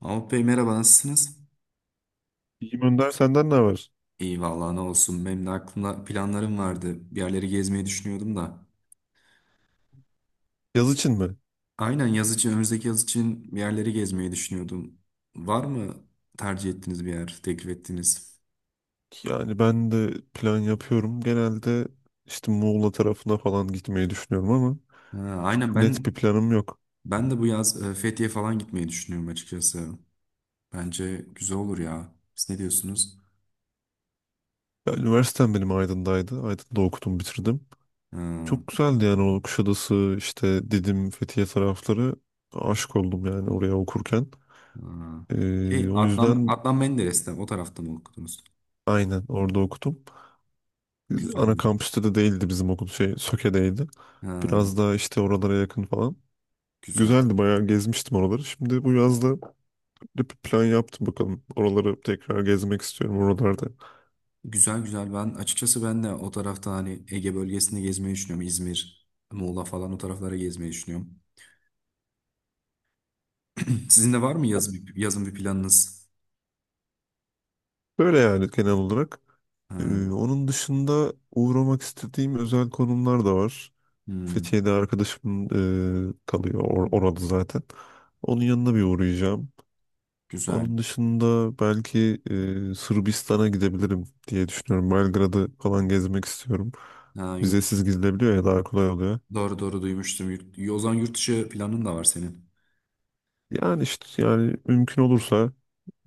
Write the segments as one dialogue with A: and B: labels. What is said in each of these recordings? A: Mahmut Bey merhaba, nasılsınız?
B: İyiyim Önder, senden ne haber?
A: İyi vallahi, ne olsun, benim de aklımda planlarım vardı. Bir yerleri gezmeyi düşünüyordum da.
B: Yaz için mi?
A: Aynen, yaz için, önümüzdeki yaz için bir yerleri gezmeyi düşünüyordum. Var mı tercih ettiğiniz bir yer, teklif ettiğiniz?
B: Yani ben de plan yapıyorum. Genelde işte Muğla tarafına falan gitmeyi düşünüyorum ama
A: Ha, aynen,
B: çok net bir
A: ben
B: planım yok.
A: ben de bu yaz Fethiye falan gitmeyi düşünüyorum açıkçası. Bence güzel olur ya. Siz ne diyorsunuz?
B: Ya, üniversitem benim Aydın'daydı. Aydın'da okudum, bitirdim.
A: Ha,
B: Çok güzeldi yani o Kuşadası, işte Didim, Fethiye tarafları. Aşık oldum yani oraya okurken.
A: ha. Şey,
B: O
A: Adnan,
B: yüzden
A: Adnan Menderes'te o tarafta mı okudunuz?
B: aynen orada okudum.
A: Güzel.
B: Ana kampüste de değildi bizim okul şey Söke'deydi.
A: Ha,
B: Biraz daha işte oralara yakın falan.
A: güzel.
B: Güzeldi, bayağı gezmiştim oraları. Şimdi bu yazda bir plan yaptım bakalım. Oraları tekrar gezmek istiyorum oralarda.
A: Güzel, güzel, ben açıkçası, ben de o tarafta, hani Ege bölgesinde gezmeyi düşünüyorum. İzmir, Muğla falan o taraflara gezmeyi düşünüyorum. Sizin de var mı yaz, yazın bir planınız?
B: Böyle yani, genel olarak.
A: Ha,
B: Ee, Onun dışında uğramak istediğim özel konumlar da var.
A: hmm,
B: Fethiye'de arkadaşım kalıyor orada zaten. Onun yanına bir uğrayacağım.
A: güzel.
B: Onun dışında belki Sırbistan'a gidebilirim diye düşünüyorum. Belgrad'ı falan gezmek istiyorum.
A: Ha, yurt,
B: Vizesiz gidilebiliyor ya, daha kolay oluyor.
A: doğru, doğru, duymuştum. Yurt, o zaman yurt dışı planın da var senin.
B: Yani işte, yani mümkün olursa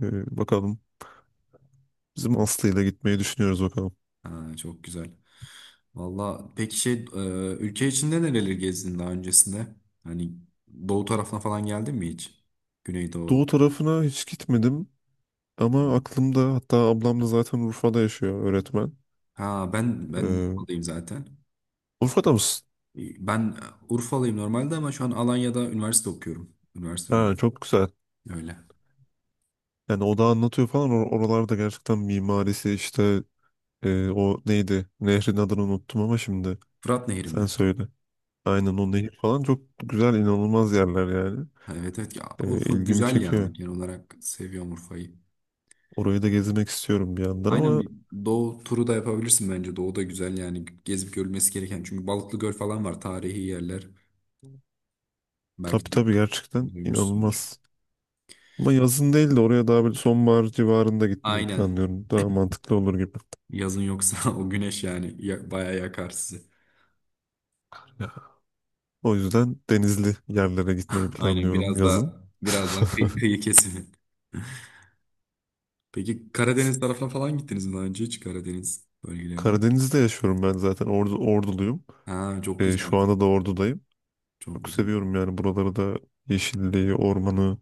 B: bakalım. Bizim Aslı ile gitmeyi düşünüyoruz, bakalım.
A: Ha, çok güzel. Valla peki, şey, ülke içinde nereleri gezdin daha öncesinde? Hani doğu tarafına falan geldin mi hiç?
B: Doğu
A: Güneydoğu.
B: tarafına hiç gitmedim ama
A: Hmm.
B: aklımda, hatta ablam da zaten Urfa'da yaşıyor, öğretmen.
A: Ha, ben
B: Ee,
A: Urfa'dayım zaten.
B: Urfa'da mısın?
A: Ben Urfalıyım normalde ama şu an Alanya'da üniversite okuyorum. Üniversite önemli.
B: Ha, çok güzel.
A: Öyle.
B: Yani o da anlatıyor falan. Oralarda gerçekten mimarisi işte, o neydi? Nehrin adını unuttum ama şimdi
A: Fırat Nehri
B: sen
A: mi?
B: söyle. Aynen, o nehir falan çok güzel, inanılmaz yerler yani.
A: Ha, evet, evet ya, Urfa
B: İlgimi
A: güzel
B: çekiyor.
A: yani, genel olarak seviyorum Urfa'yı.
B: Orayı da gezmek istiyorum bir yandan
A: Aynen,
B: ama
A: bir doğu turu da yapabilirsin bence. Doğu da güzel yani, gezip görülmesi gereken. Çünkü Balıklı Göl falan var, tarihi yerler. Belki
B: tabii tabii, gerçekten
A: duymuşsundur.
B: inanılmaz. Ama yazın değil de oraya daha böyle sonbahar civarında gitmeyi
A: Aynen.
B: planlıyorum. Daha mantıklı olur gibi.
A: Yazın yoksa o güneş yani ya, bayağı yakar sizi.
B: O yüzden denizli yerlere gitmeyi
A: Aynen,
B: planlıyorum
A: biraz
B: yazın.
A: daha, kıyı kesimi. Peki Karadeniz tarafına falan gittiniz mi daha önce, hiç Karadeniz bölgelerine?
B: Karadeniz'de yaşıyorum ben zaten. Ordu, Orduluyum.
A: Ha, çok güzel.
B: Şu anda da Ordu'dayım.
A: Çok
B: Çok
A: güzel.
B: seviyorum yani buraları da, yeşilliği, ormanı,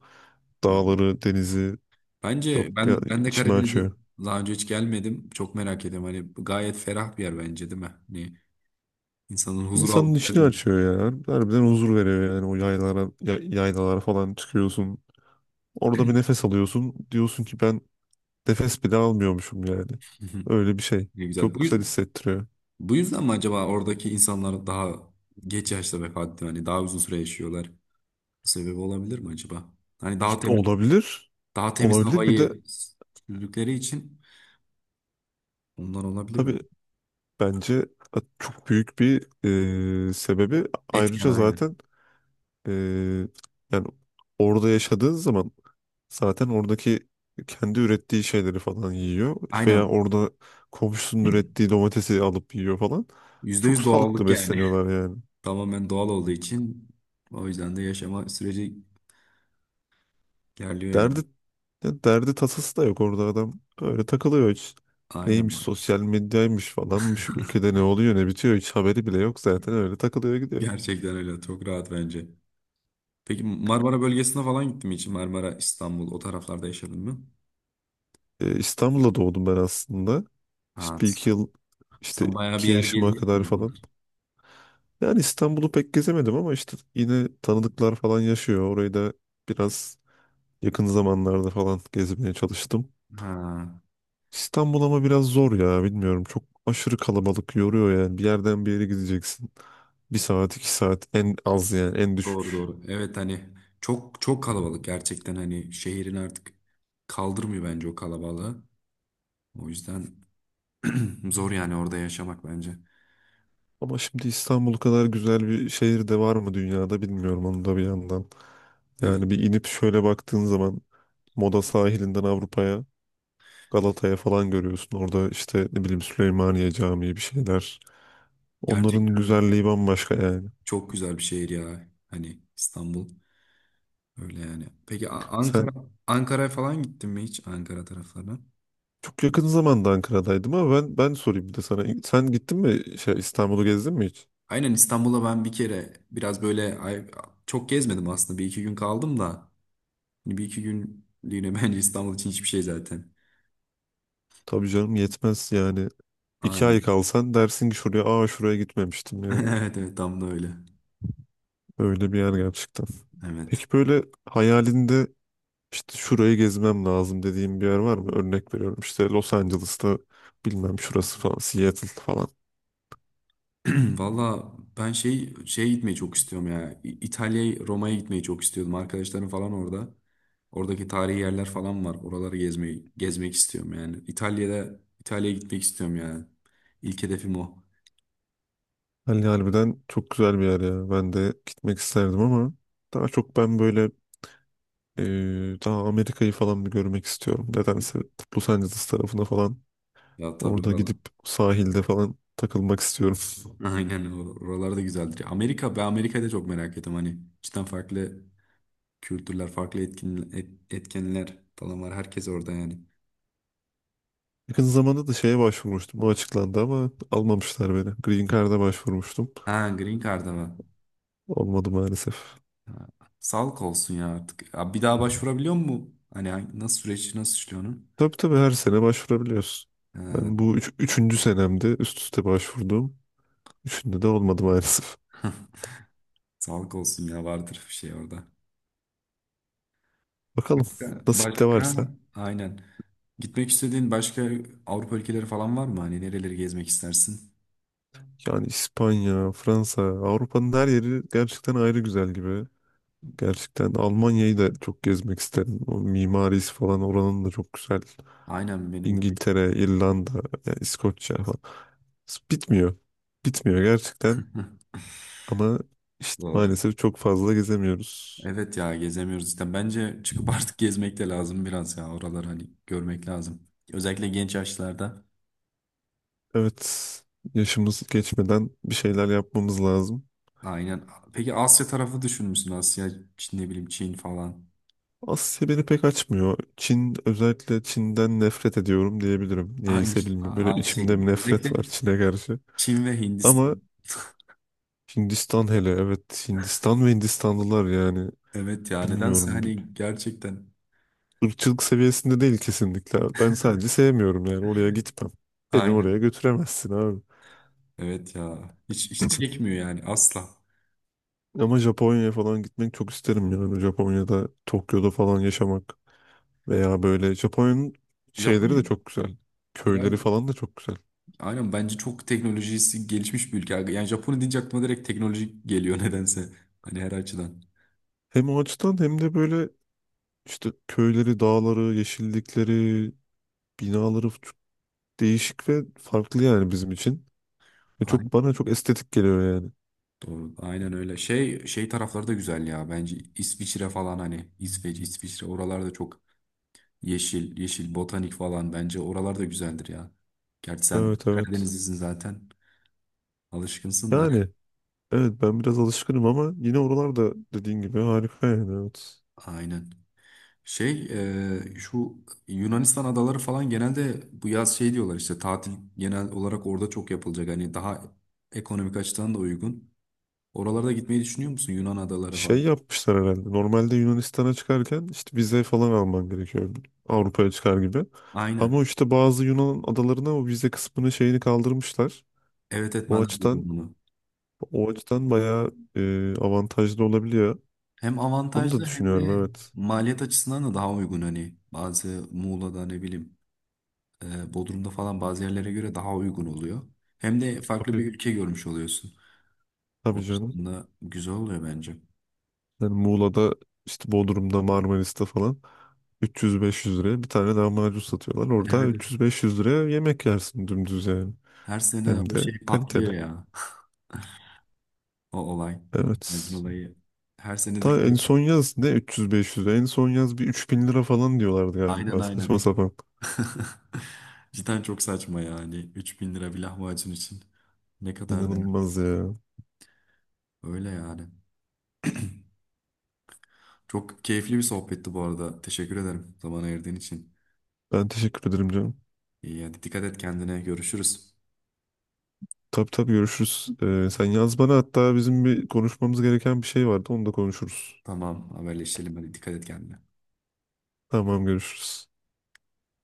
A: Ha.
B: dağları, denizi,
A: Bence
B: çok ya,
A: ben de
B: içimi
A: Karadeniz'e
B: açıyor.
A: daha önce hiç gelmedim. Çok merak ediyorum. Hani gayet ferah bir yer bence, değil mi? Hani insanın huzur aldığı
B: İnsanın
A: yer,
B: içini
A: değil mi?
B: açıyor yani. Harbiden huzur veriyor yani, o yaylalara, yaylalara falan çıkıyorsun. Orada bir nefes alıyorsun. Diyorsun ki ben nefes bile almıyormuşum yani. Öyle bir şey.
A: Ne güzel.
B: Çok güzel hissettiriyor.
A: Bu yüzden mi acaba oradaki insanlar daha geç yaşta vefat ediyor? Hani daha uzun süre yaşıyorlar. Bu sebebi olabilir mi acaba? Hani daha
B: Şimdi,
A: temiz,
B: olabilir.
A: daha temiz
B: Olabilir, bir de
A: havayı sürdükleri için ondan olabilir mi?
B: tabii, bence çok büyük bir sebebi
A: Etken
B: ayrıca
A: aynı.
B: zaten, e, yani orada yaşadığın zaman zaten oradaki kendi ürettiği şeyleri falan yiyor, veya
A: Aynen.
B: orada komşusunun ürettiği domatesi alıp yiyor falan.
A: Yüzde
B: Çok
A: yüz
B: sağlıklı
A: doğallık yani.
B: besleniyorlar yani.
A: Tamamen doğal olduğu için o yüzden de yaşama süreci gerliyor
B: Derdi
A: yani.
B: ya, derdi tasası da yok, orada adam öyle takılıyor hiç.
A: Aynen
B: Neymiş
A: var.
B: sosyal medyaymış falanmış, ülkede ne oluyor ne bitiyor hiç haberi bile yok, zaten öyle takılıyor gidiyor.
A: Gerçekten öyle. Çok rahat bence. Peki Marmara bölgesine falan gittin mi hiç? Marmara, İstanbul, o taraflarda yaşadın mı?
B: İstanbul'da doğdum ben aslında.
A: Ha,
B: İşte bir iki yıl, işte
A: sen bayağı bir
B: iki
A: yer
B: yaşıma
A: gezmişsin
B: kadar
A: o zaman.
B: falan. Yani İstanbul'u pek gezemedim ama işte yine tanıdıklar falan yaşıyor. Orayı da biraz yakın zamanlarda falan gezmeye çalıştım.
A: Ha,
B: İstanbul ama biraz zor ya, bilmiyorum. Çok aşırı kalabalık, yoruyor yani. Bir yerden bir yere gideceksin, bir saat iki saat en az yani, en
A: doğru,
B: düşük.
A: doğru. Evet, hani çok kalabalık gerçekten, hani şehrin artık kaldırmıyor bence o kalabalığı. O yüzden zor yani orada yaşamak bence.
B: Ama şimdi İstanbul kadar güzel bir şehir de var mı dünyada, bilmiyorum onu da bir yandan.
A: Evet,
B: Yani bir inip şöyle baktığın zaman Moda sahilinden Avrupa'ya, Galata'ya falan görüyorsun. Orada işte ne bileyim Süleymaniye Camii, bir şeyler. Onların
A: gerçekten
B: güzelliği bambaşka yani.
A: çok güzel bir şehir ya, hani İstanbul. Öyle yani. Peki, Ankara,
B: Sen
A: Ankara'ya falan gittin mi hiç? Ankara taraflarına.
B: çok yakın zamanda Ankara'daydın ama ben sorayım bir de sana. Sen gittin mi şey, İstanbul'u gezdin mi hiç?
A: Aynen, İstanbul'a ben bir kere, biraz böyle çok gezmedim aslında. Bir iki gün kaldım da. Hani bir iki günlüğüne bence İstanbul için hiçbir şey zaten.
B: Tabii canım, yetmez yani. İki ay
A: Aynen.
B: kalsan dersin ki şuraya, şuraya gitmemiştim yani.
A: Evet, evet, tam da öyle.
B: Öyle bir yer gerçekten.
A: Evet.
B: Peki böyle hayalinde işte şurayı gezmem lazım dediğim bir yer var mı? Örnek veriyorum işte Los Angeles'ta, bilmem şurası falan, Seattle falan.
A: Valla ben şey, şeye gitmeyi çok istiyorum ya. İtalya'ya, Roma'ya gitmeyi çok istiyordum. Arkadaşlarım falan orada. Oradaki tarihi yerler falan var. Oraları gezmeyi, gezmek istiyorum yani. İtalya'da, İtalya'ya gitmek istiyorum yani. İlk hedefim o.
B: Hani harbiden çok güzel bir yer ya. Ben de gitmek isterdim ama daha çok ben böyle. Ee, Daha Amerika'yı falan bir görmek istiyorum. Nedense Los Angeles tarafına falan,
A: Ya tabii,
B: orada
A: oralar.
B: gidip sahilde falan takılmak istiyorum.
A: Aynen, oralar da güzeldir. Amerika, ben Amerika'da çok merak ettim. Hani cidden farklı kültürler, farklı etkin, etkenler falan var. Herkes orada yani.
B: Yakın zamanda da şeye başvurmuştum. O açıklandı ama almamışlar beni. Green Card'a başvurmuştum.
A: Ha, Green Card'a var.
B: Olmadı maalesef.
A: Sağlık olsun ya artık. Ya bir daha başvurabiliyor mu? Hani hangi-, nasıl süreç, nasıl işliyor onun?
B: Tabii tabii, her sene başvurabiliyorsun.
A: Ee,
B: Ben bu üçüncü senemde üst üste başvurduğum. Üçünde de olmadı maalesef.
A: sağlık olsun ya, vardır bir şey orada.
B: Bakalım,
A: Başka?
B: nasip de
A: Başka
B: varsa.
A: aynen. Gitmek istediğin başka Avrupa ülkeleri falan var mı? Hani nereleri gezmek istersin?
B: Yani İspanya, Fransa, Avrupa'nın her yeri gerçekten ayrı güzel gibi. Gerçekten Almanya'yı da çok gezmek isterim. O mimarisi falan oranın da çok güzel.
A: Aynen, benim de. Bir-
B: İngiltere, İrlanda, yani İskoçya falan. Bitmiyor. Bitmiyor gerçekten. Ama işte
A: Doğru.
B: maalesef çok fazla gezemiyoruz.
A: Evet ya, gezemiyoruz işte. Bence çıkıp artık gezmek de lazım biraz ya. Oraları hani görmek lazım. Özellikle genç yaşlarda.
B: Evet, yaşımız geçmeden bir şeyler yapmamız lazım.
A: Aynen. Peki Asya tarafı düşünmüşsün. Asya, Çin, ne bileyim, Çin falan.
B: Asya beni pek açmıyor. Çin, özellikle Çin'den nefret ediyorum diyebilirim.
A: Aynı,
B: Niyeyse bilmiyorum. Böyle
A: aynı
B: içimde bir
A: şekilde.
B: nefret
A: Özellikle
B: var Çin'e karşı.
A: Çin ve
B: Ama
A: Hindistan.
B: Hindistan, hele evet, Hindistan ve Hindistanlılar yani,
A: Evet ya, nedense
B: bilmiyorum. Bir
A: hani gerçekten
B: Irkçılık seviyesinde değil kesinlikle. Ben sadece sevmiyorum yani. Oraya gitmem. Beni oraya
A: aynen.
B: götüremezsin abi.
A: Evet ya, hiç, hiç çekmiyor yani, asla.
B: Ama Japonya'ya falan gitmek çok isterim yani. Japonya'da, Tokyo'da falan yaşamak. Veya böyle Japonya'nın şeyleri de
A: Japonya
B: çok güzel.
A: biraz,
B: Köyleri falan da çok güzel.
A: aynen, bence çok teknolojisi gelişmiş bir ülke. Yani Japonya deyince aklıma direkt teknoloji geliyor nedense. Hani her açıdan.
B: Hem o açıdan hem de böyle işte köyleri, dağları, yeşillikleri, binaları çok değişik ve farklı yani bizim için. Ve çok,
A: Aynen,
B: bana çok estetik geliyor yani.
A: doğru. Aynen öyle. Şey tarafları da güzel ya, bence İsviçre falan, hani İsveç, İsviçre, oralarda çok yeşil, yeşil botanik falan, bence oralar da güzeldir ya. Gerçi sen
B: Evet evet.
A: Karadenizlisin zaten. Alışkınsın da.
B: Yani evet, ben biraz alışkınım ama yine oralarda dediğin gibi harika yani, evet.
A: Aynen. Şey, şu Yunanistan adaları falan, genelde bu yaz şey diyorlar işte, tatil genel olarak orada çok yapılacak. Hani daha ekonomik açıdan da uygun. Oralarda gitmeyi düşünüyor musun, Yunan adaları
B: Şey
A: falan?
B: yapmışlar herhalde. Normalde Yunanistan'a çıkarken işte vize falan alman gerekiyor. Avrupa'ya çıkar gibi.
A: Aynen.
B: Ama işte bazı Yunan adalarına o vize kısmını, şeyini kaldırmışlar.
A: Evet, evet,
B: O
A: ben de duydum
B: açıdan
A: bunu.
B: o açıdan bayağı avantajlı olabiliyor.
A: Hem
B: Onu da
A: avantajlı hem
B: düşünüyorum,
A: de
B: evet.
A: maliyet açısından da daha uygun, hani bazı Muğla'da, ne bileyim, Bodrum'da falan, bazı yerlere göre daha uygun oluyor. Hem de farklı
B: Tabii.
A: bir ülke görmüş oluyorsun. O
B: Tabii canım.
A: açıdan da güzel oluyor bence.
B: Yani Muğla'da, işte Bodrum'da, Marmaris'te falan 300-500 liraya bir tane lahmacun satıyorlar. Orada
A: Evet.
B: 300-500 liraya yemek yersin dümdüz yani.
A: Her sene
B: Hem
A: o
B: de
A: şey patlıyor
B: kaliteli.
A: ya. O olay. Bu Acun
B: Evet.
A: olayı. Her sene de
B: Daha en
A: fiyat-
B: son yaz ne, 300-500 lira. En son yaz bir 3.000 lira falan diyorlardı
A: Aynen,
B: galiba. Saçma
A: aynen.
B: sapan.
A: Cidden çok saçma yani. 3.000 lira bir lahmacun için. Ne kadar değer.
B: İnanılmaz ya.
A: Öyle yani. Çok keyifli bir sohbetti bu arada. Teşekkür ederim zaman ayırdığın için.
B: Ben teşekkür ederim canım.
A: İyi, hadi dikkat et kendine. Görüşürüz.
B: Tabii tabii, görüşürüz. Sen yaz bana, hatta bizim bir konuşmamız gereken bir şey vardı. Onu da konuşuruz.
A: Tamam, haberleşelim, hadi dikkat et kendine.
B: Tamam, görüşürüz.